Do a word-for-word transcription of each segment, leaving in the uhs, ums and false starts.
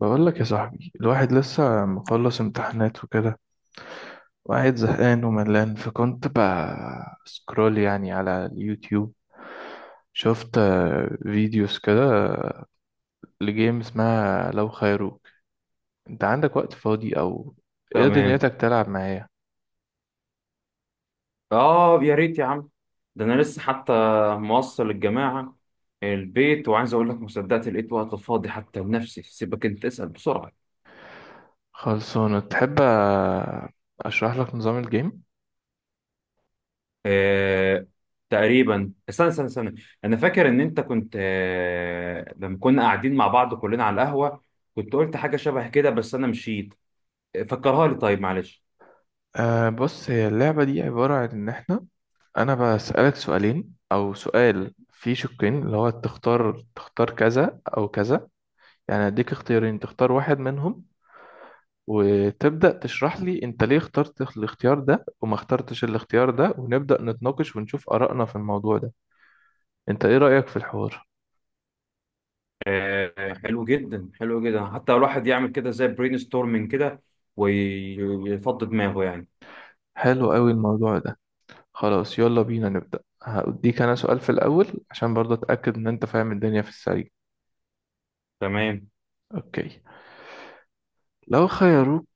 بقول لك يا صاحبي، الواحد لسه مخلص امتحانات وكده وقاعد زهقان وملان، فكنت بسكرول يعني على اليوتيوب، شفت آه، فيديوز كده لجيم اسمها لو خيروك. انت عندك وقت فاضي او ايه، تمام. دنيتك تلعب معايا؟ اه يا ريت يا عم. ده انا لسه حتى موصل الجماعه البيت، وعايز اقول لك، ما صدقت لقيت وقت فاضي حتى لنفسي. سيبك انت، اسال بسرعه. خلصانة؟ تحب آه، اشرح لك نظام الجيم؟ آه. تقريبا استنى استنى استنى، انا فاكر ان انت كنت آه لما كنا قاعدين مع بعض كلنا على القهوه، كنت قلت حاجه شبه كده بس انا مشيت. آه، فكرها لي، طيب معلش. أه بص، هي اللعبة دي عبارة عن ان احنا انا بسألك سؤالين او سؤال فيه شقين، اللي هو تختار تختار كذا او كذا. يعني هديك اختيارين، تختار واحد منهم، وتبدأ تشرح لي انت ليه اخترت الاختيار ده وما اخترتش الاختيار ده، ونبدأ نتناقش ونشوف آرائنا في الموضوع ده. انت ايه رأيك في الحوار؟ آه، حلو جدا حلو جدا، حتى الواحد يعمل كده زي برين ستورمنج كده ويفضي دماغه يعني. حلو قوي الموضوع ده. خلاص، يلا بينا نبدأ. هأديك انا سؤال في الأول عشان برضه اتأكد ان انت فاهم الدنيا في السريع. تمام. اوكي. لو خيروك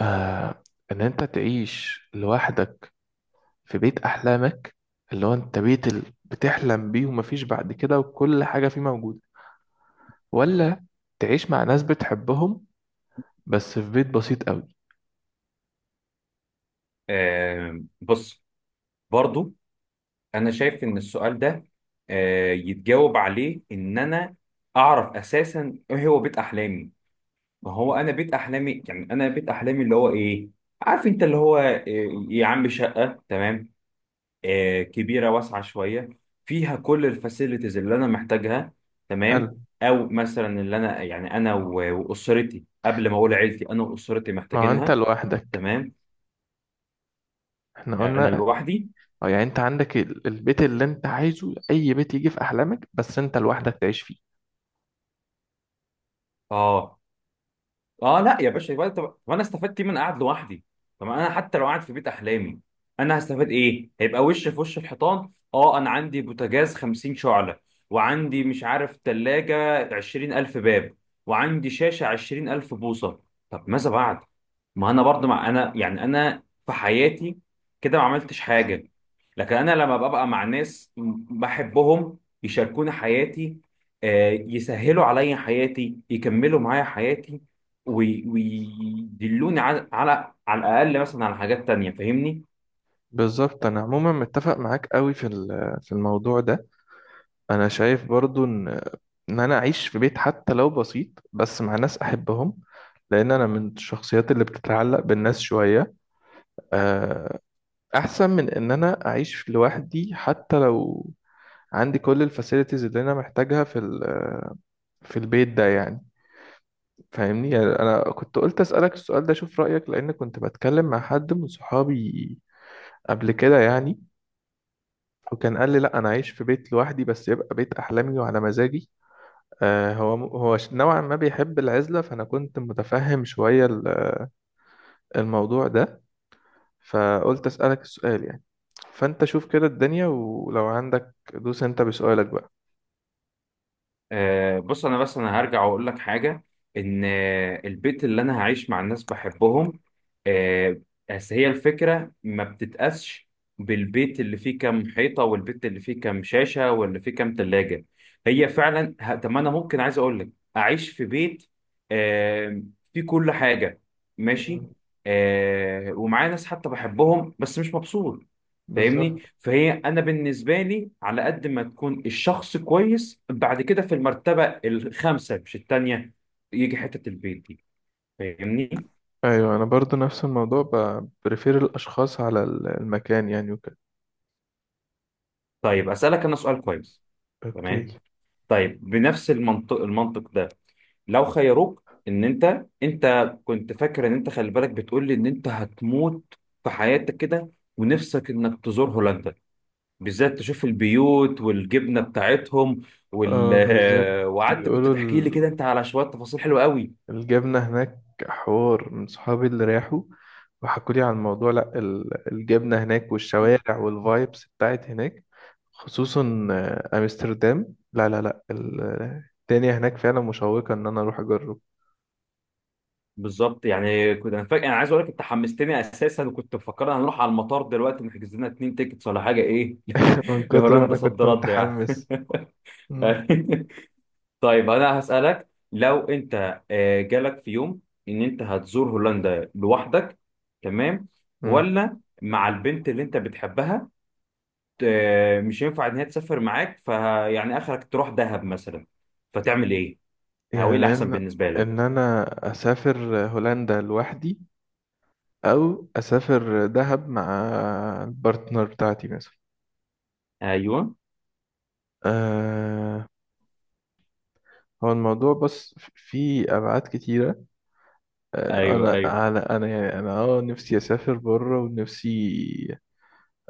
آه ان انت تعيش لوحدك في بيت احلامك، اللي هو انت بيت ال- بتحلم بيه ومفيش بعد كده وكل حاجة فيه موجودة، ولا تعيش مع ناس بتحبهم بس في بيت بسيط قوي؟ آه بص، برضو انا شايف ان السؤال ده آه يتجاوب عليه ان انا اعرف اساسا ايه هو بيت احلامي. ما هو انا بيت احلامي، يعني انا بيت احلامي اللي هو ايه؟ عارف انت اللي هو آه يا عم، شقة، تمام، آه كبيرة واسعة شوية، فيها كل الفاسيلتيز اللي انا محتاجها، حلو. تمام. او مثلا اللي انا يعني انا و- واسرتي، قبل ما اقول عيلتي، انا واسرتي ما هو انت محتاجينها. لوحدك، تمام. احنا يعني انا قلنا. لوحدي. اه، يعني انت عندك ال- البيت اللي انت عايزه، اي بيت يجي في احلامك، بس انت لوحدك تعيش فيه. اه. اه لا يا باشا، يبقى طب طب انا استفدت ايه من قاعد لوحدي؟ طب انا حتى لو قاعد في بيت احلامي، انا هستفاد ايه؟ هيبقى وش في وش الحيطان. اه، انا عندي بوتاجاز خمسين شعلة، وعندي مش عارف تلاجة عشرين ألف باب، وعندي شاشة عشرين ألف بوصة. طب ماذا بعد؟ ما انا برضه، مع انا يعني انا في حياتي كده ما عملتش حاجة. لكن انا لما ببقى مع ناس م- بحبهم، يشاركوني حياتي، آه، يسهلوا عليا حياتي، يكملوا معايا حياتي، وي- ويدلوني على على على الاقل مثلا على حاجات تانية. فاهمني. بالظبط، انا عموما متفق معاك قوي في ال- في الموضوع ده. انا شايف برضو ان ان انا اعيش في بيت حتى لو بسيط بس مع ناس احبهم، لان انا من الشخصيات اللي بتتعلق بالناس شوية، آه، احسن من ان انا اعيش لوحدي حتى لو عندي كل الفاسيلتيز اللي انا محتاجها في ال- في البيت ده يعني. فاهمني؟ يعني انا كنت قلت اسالك السؤال ده اشوف رايك، لان كنت بتكلم مع حد من صحابي قبل كده يعني، وكان قال لي لا، انا عايش في بيت لوحدي بس يبقى بيت احلامي وعلى مزاجي. آه هو هو نوعا ما بيحب العزله، فانا كنت متفهم شويه ال- الموضوع ده، فقلت اسالك السؤال يعني. فانت شوف كده الدنيا، ولو عندك دوس انت بسؤالك بقى. آه بص، انا بس انا هرجع واقول لك حاجه، ان آه، البيت اللي انا هعيش مع الناس بحبهم، آه، بس هي الفكره ما بتتقاسش بالبيت اللي فيه كام حيطه، والبيت اللي فيه كام شاشه، واللي فيه كام تلاجه. هي فعلا ه- طب ما انا ممكن عايز اقول لك اعيش في بيت آه فيه كل حاجه، مم. ماشي، آه ومعايا ناس حتى بحبهم، بس مش مبسوط. فاهمني. بالظبط. فهي انا بالنسبه لي، على قد ما تكون الشخص كويس، بعد كده في المرتبه الخامسه مش الثانيه يجي حته البيت دي. فاهمني. ايوه، انا برضو نفس الموضوع، ب- بريفير الاشخاص على ال- المكان يعني وكده. طيب اسالك انا سؤال كويس. اوكي. تمام. طيب بنفس المنطق المنطق ده، لو خيروك ان انت، انت كنت فاكر ان انت، خلي بالك بتقول لي ان انت هتموت في حياتك كده، ونفسك انك تزور هولندا بالذات، تشوف البيوت والجبنه بتاعتهم، وال... اه، بالظبط. وقعدت كنت بيقولوا تحكي لي ال- كده انت على شويه تفاصيل حلوه قوي. الجبنه هناك. حوار من صحابي اللي راحوا وحكوا لي عن الموضوع. لا، ال- الجبنه هناك والشوارع والفايبس بتاعت هناك، خصوصا آه، امستردام. لا لا لا، ال- الدنيا هناك فعلا مشوقه ان انا اروح اجرب. بالظبط، يعني كنت انا فاكر، انا عايز اقول لك انت حمستني اساسا، وكنت مفكر هنروح على المطار دلوقتي نحجز لنا اتنين تيكتس ولا حاجه، ايه؟ من كتر ما لهولندا، انا صد كنت رد يعني. متحمس. طيب انا هسالك، لو انت آه، جالك في يوم ان انت هتزور هولندا لوحدك، تمام، مم. ولا مع البنت اللي انت بتحبها، آه، مش ينفع ان هي تسافر معاك، فيعني اخرك تروح دهب مثلا، فتعمل ايه؟ او ايه يعني الاحسن ان بالنسبه لك؟ ان انا اسافر هولندا لوحدي، او اسافر دهب مع البارتنر بتاعتي مثلا. ايوه. أه هو الموضوع بس في ابعاد كتيره. أه ايوه. انا ايوه، على انا يعني انا اه نفسي اسافر بره ونفسي.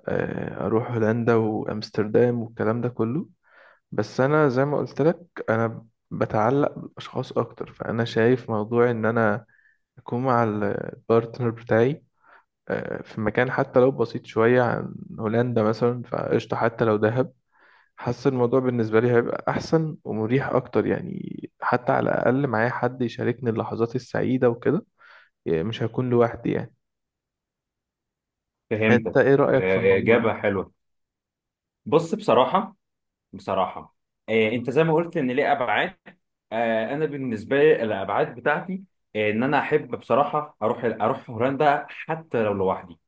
أه اروح هولندا وامستردام والكلام ده كله. بس انا زي ما قلت لك، انا بتعلق بالاشخاص اكتر، فانا شايف موضوع ان انا اكون مع البارتنر بتاعي، آه، في مكان حتى لو بسيط شوية عن هولندا مثلا، فقشطة حتى لو دهب. حاسس الموضوع بالنسبة لي هيبقى أحسن ومريح أكتر يعني، حتى على الأقل معايا حد يشاركني اللحظات السعيدة وكده، يعني مش هكون لوحدي يعني. أنت فهمتك. إيه رأيك في آه، الموضوع ده؟ اجابه حلوه. بص، بصراحه، بصراحه، آه، انت زي ما قلت ان ليه ابعاد، آه، انا بالنسبه لي الابعاد بتاعتي، آه، ان انا احب بصراحه اروح اروح هولندا حتى لو لوحدي،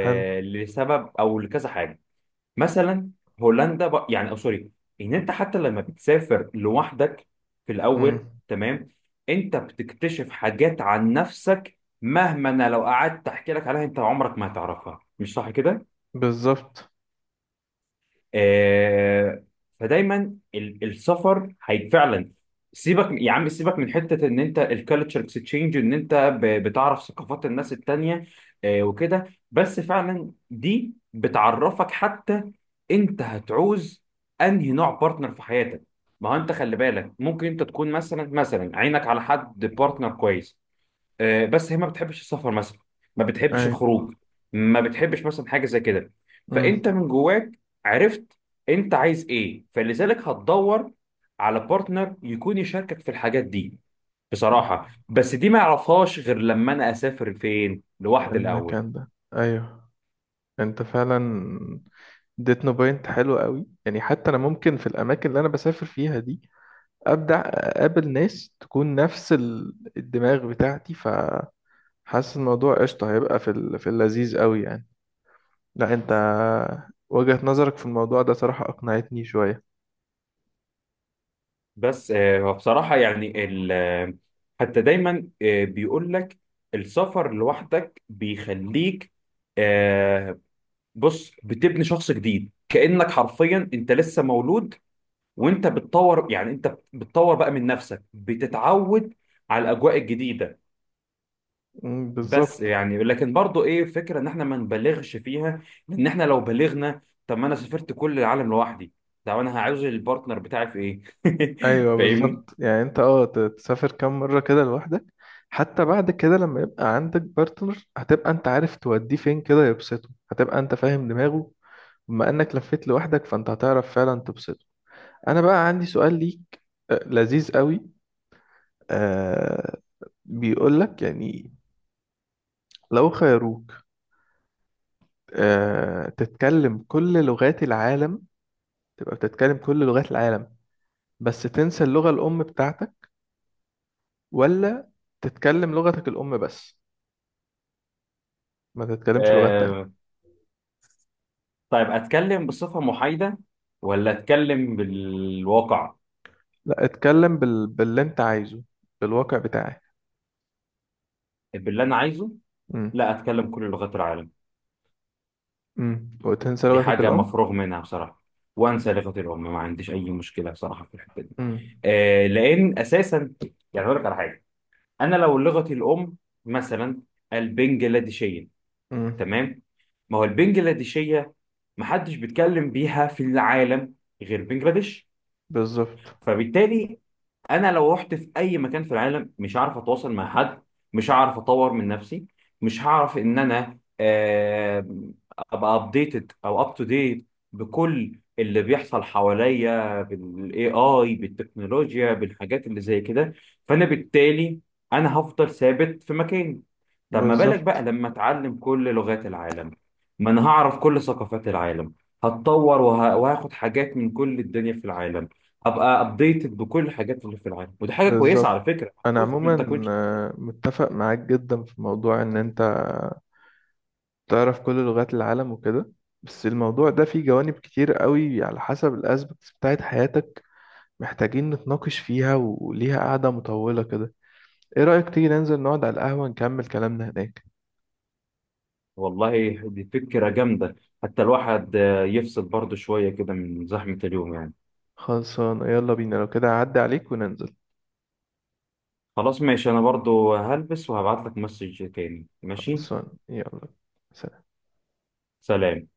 حلو. لسبب او لكذا حاجه. مثلا هولندا ب... يعني او سوري، ان انت حتى لما بتسافر لوحدك في الاول، امم. تمام، انت بتكتشف حاجات عن نفسك، مهما انا لو قعدت احكي لك عليها انت عمرك ما هتعرفها. مش صح كده؟ بالظبط. آه، فدايما ال- السفر هي فعلا، سيبك يا عم سيبك من حته ان انت الكالتشر اكسشينج ان انت ب- بتعرف ثقافات الناس التانيه، آه، وكده. بس فعلا دي بتعرفك حتى انت هتعوز انهي نوع بارتنر في حياتك. ما هو انت خلي بالك ممكن انت تكون مثلا مثلا عينك على حد بارتنر كويس، آه، بس هي ما بتحبش السفر مثلا، ما بتحبش أيوه. الخروج، ما بتحبش مثلا حاجه زي كده. فانت امم. من جواك عرفت انت عايز ايه، فلذلك هتدور على بارتنر يكون يشاركك في الحاجات دي. بصراحه بس دي ما اعرفهاش غير لما انا اسافر فين لوحدي الاول. المكان ده. أيوه. أنت فعلا اديتنا بوينت حلو قوي يعني، حتى أنا ممكن في الأماكن اللي أنا بسافر فيها دي ابدع، اقابل ناس تكون نفس ال- الدماغ بتاعتي، فحاسس الموضوع قشطه هيبقى في ال- في اللذيذ قوي يعني. لا انت، وجهة نظرك في الموضوع ده صراحه اقنعتني شويه. بس آه، بصراحه يعني ال- آه، حتى دايما آه، بيقول لك السفر لوحدك بيخليك، آه، بص بتبني شخص جديد، كأنك حرفيا انت لسه مولود، وانت بتطور، يعني انت بتطور بقى من نفسك، بتتعود على الاجواء الجديده. أمم، بس بالظبط. يعني لكن برضو ايه فكره ان احنا ما نبالغش فيها، لان احنا لو بالغنا، طب ما انا سافرت كل العالم لوحدي، طب انا هعوز البارتنر بتاعي في ايه؟ ايوه فاهمني. بالظبط، يعني انت اه ت- تسافر كام مره كده لوحدك. حتى بعد كده لما يبقى عندك بارتنر هتبقى انت عارف توديه فين كده يبسطه، هتبقى انت فاهم دماغه بما انك لفيت لوحدك، فانت هتعرف فعلا تبسطه. انا بقى عندي سؤال ليك آه، لذيذ قوي. بيقولك يعني، لو خيروك آه تتكلم كل لغات العالم، تبقى بتتكلم كل لغات العالم بس تنسى اللغة الأم بتاعتك؟ ولا تتكلم لغتك الأم بس ما تتكلمش لغات تانية؟ آه. طيب اتكلم بصفه محايده ولا اتكلم بالواقع؟ لا، اتكلم بال... باللي انت عايزه، بالواقع بتاعك. باللي انا عايزه، امم. لا اتكلم كل لغات العالم. امم. وتنسى دي لغتك حاجة الأم. مفروغ منها بصراحة، وأنسى لغة الأم، ما عنديش أي مشكلة بصراحة في الحتة دي. امم. آه لأن أساسا، يعني أقول لك على حاجة، أنا لو لغتي الأم مثلا البنجلاديشية، امم. تمام، ما هو البنجلاديشية محدش بيتكلم بيها في العالم غير بنجلاديش. بالظبط. فبالتالي انا لو رحت في اي مكان في العالم مش هعرف اتواصل مع حد، مش هعرف اطور من نفسي، مش هعرف ان انا آه، ابقى ابديتد او اب تو ديت بكل اللي بيحصل حواليا، بالاي اي، بالتكنولوجيا، بالحاجات اللي زي كده. فانا بالتالي انا هفضل ثابت في مكاني. طب ما بالك بقى بالظبط. لما اتعلم كل لغات العالم؟ ما انا هعرف كل ثقافات العالم، هتطور وه- وهاخد حاجات من كل الدنيا في العالم، ابقى ابديتد بكل الحاجات اللي في العالم. ودي حاجه كويسه على بالظبط. فكره. أنا جزء من تكوين عموما شخصية. آه، متفق معاك جدا في موضوع إن أنت تعرف كل لغات العالم وكده، بس الموضوع ده فيه جوانب كتير قوي على حسب الاسبكتس بتاعت حياتك، محتاجين نتناقش فيها وليها قعدة مطولة كده. ايه رأيك تيجي ننزل نقعد على القهوة نكمل كلامنا هناك؟ والله دي فكره جامده، حتى الواحد آه، يفصل برضه شويه كده من زحمه اليوم يعني. خلصان. يلا بينا لو كده، اعدي عليك وننزل. خلاص ماشي، انا برضه هلبس وهبعت لك مسج تاني، ماشي. خلصان يلا. سلام.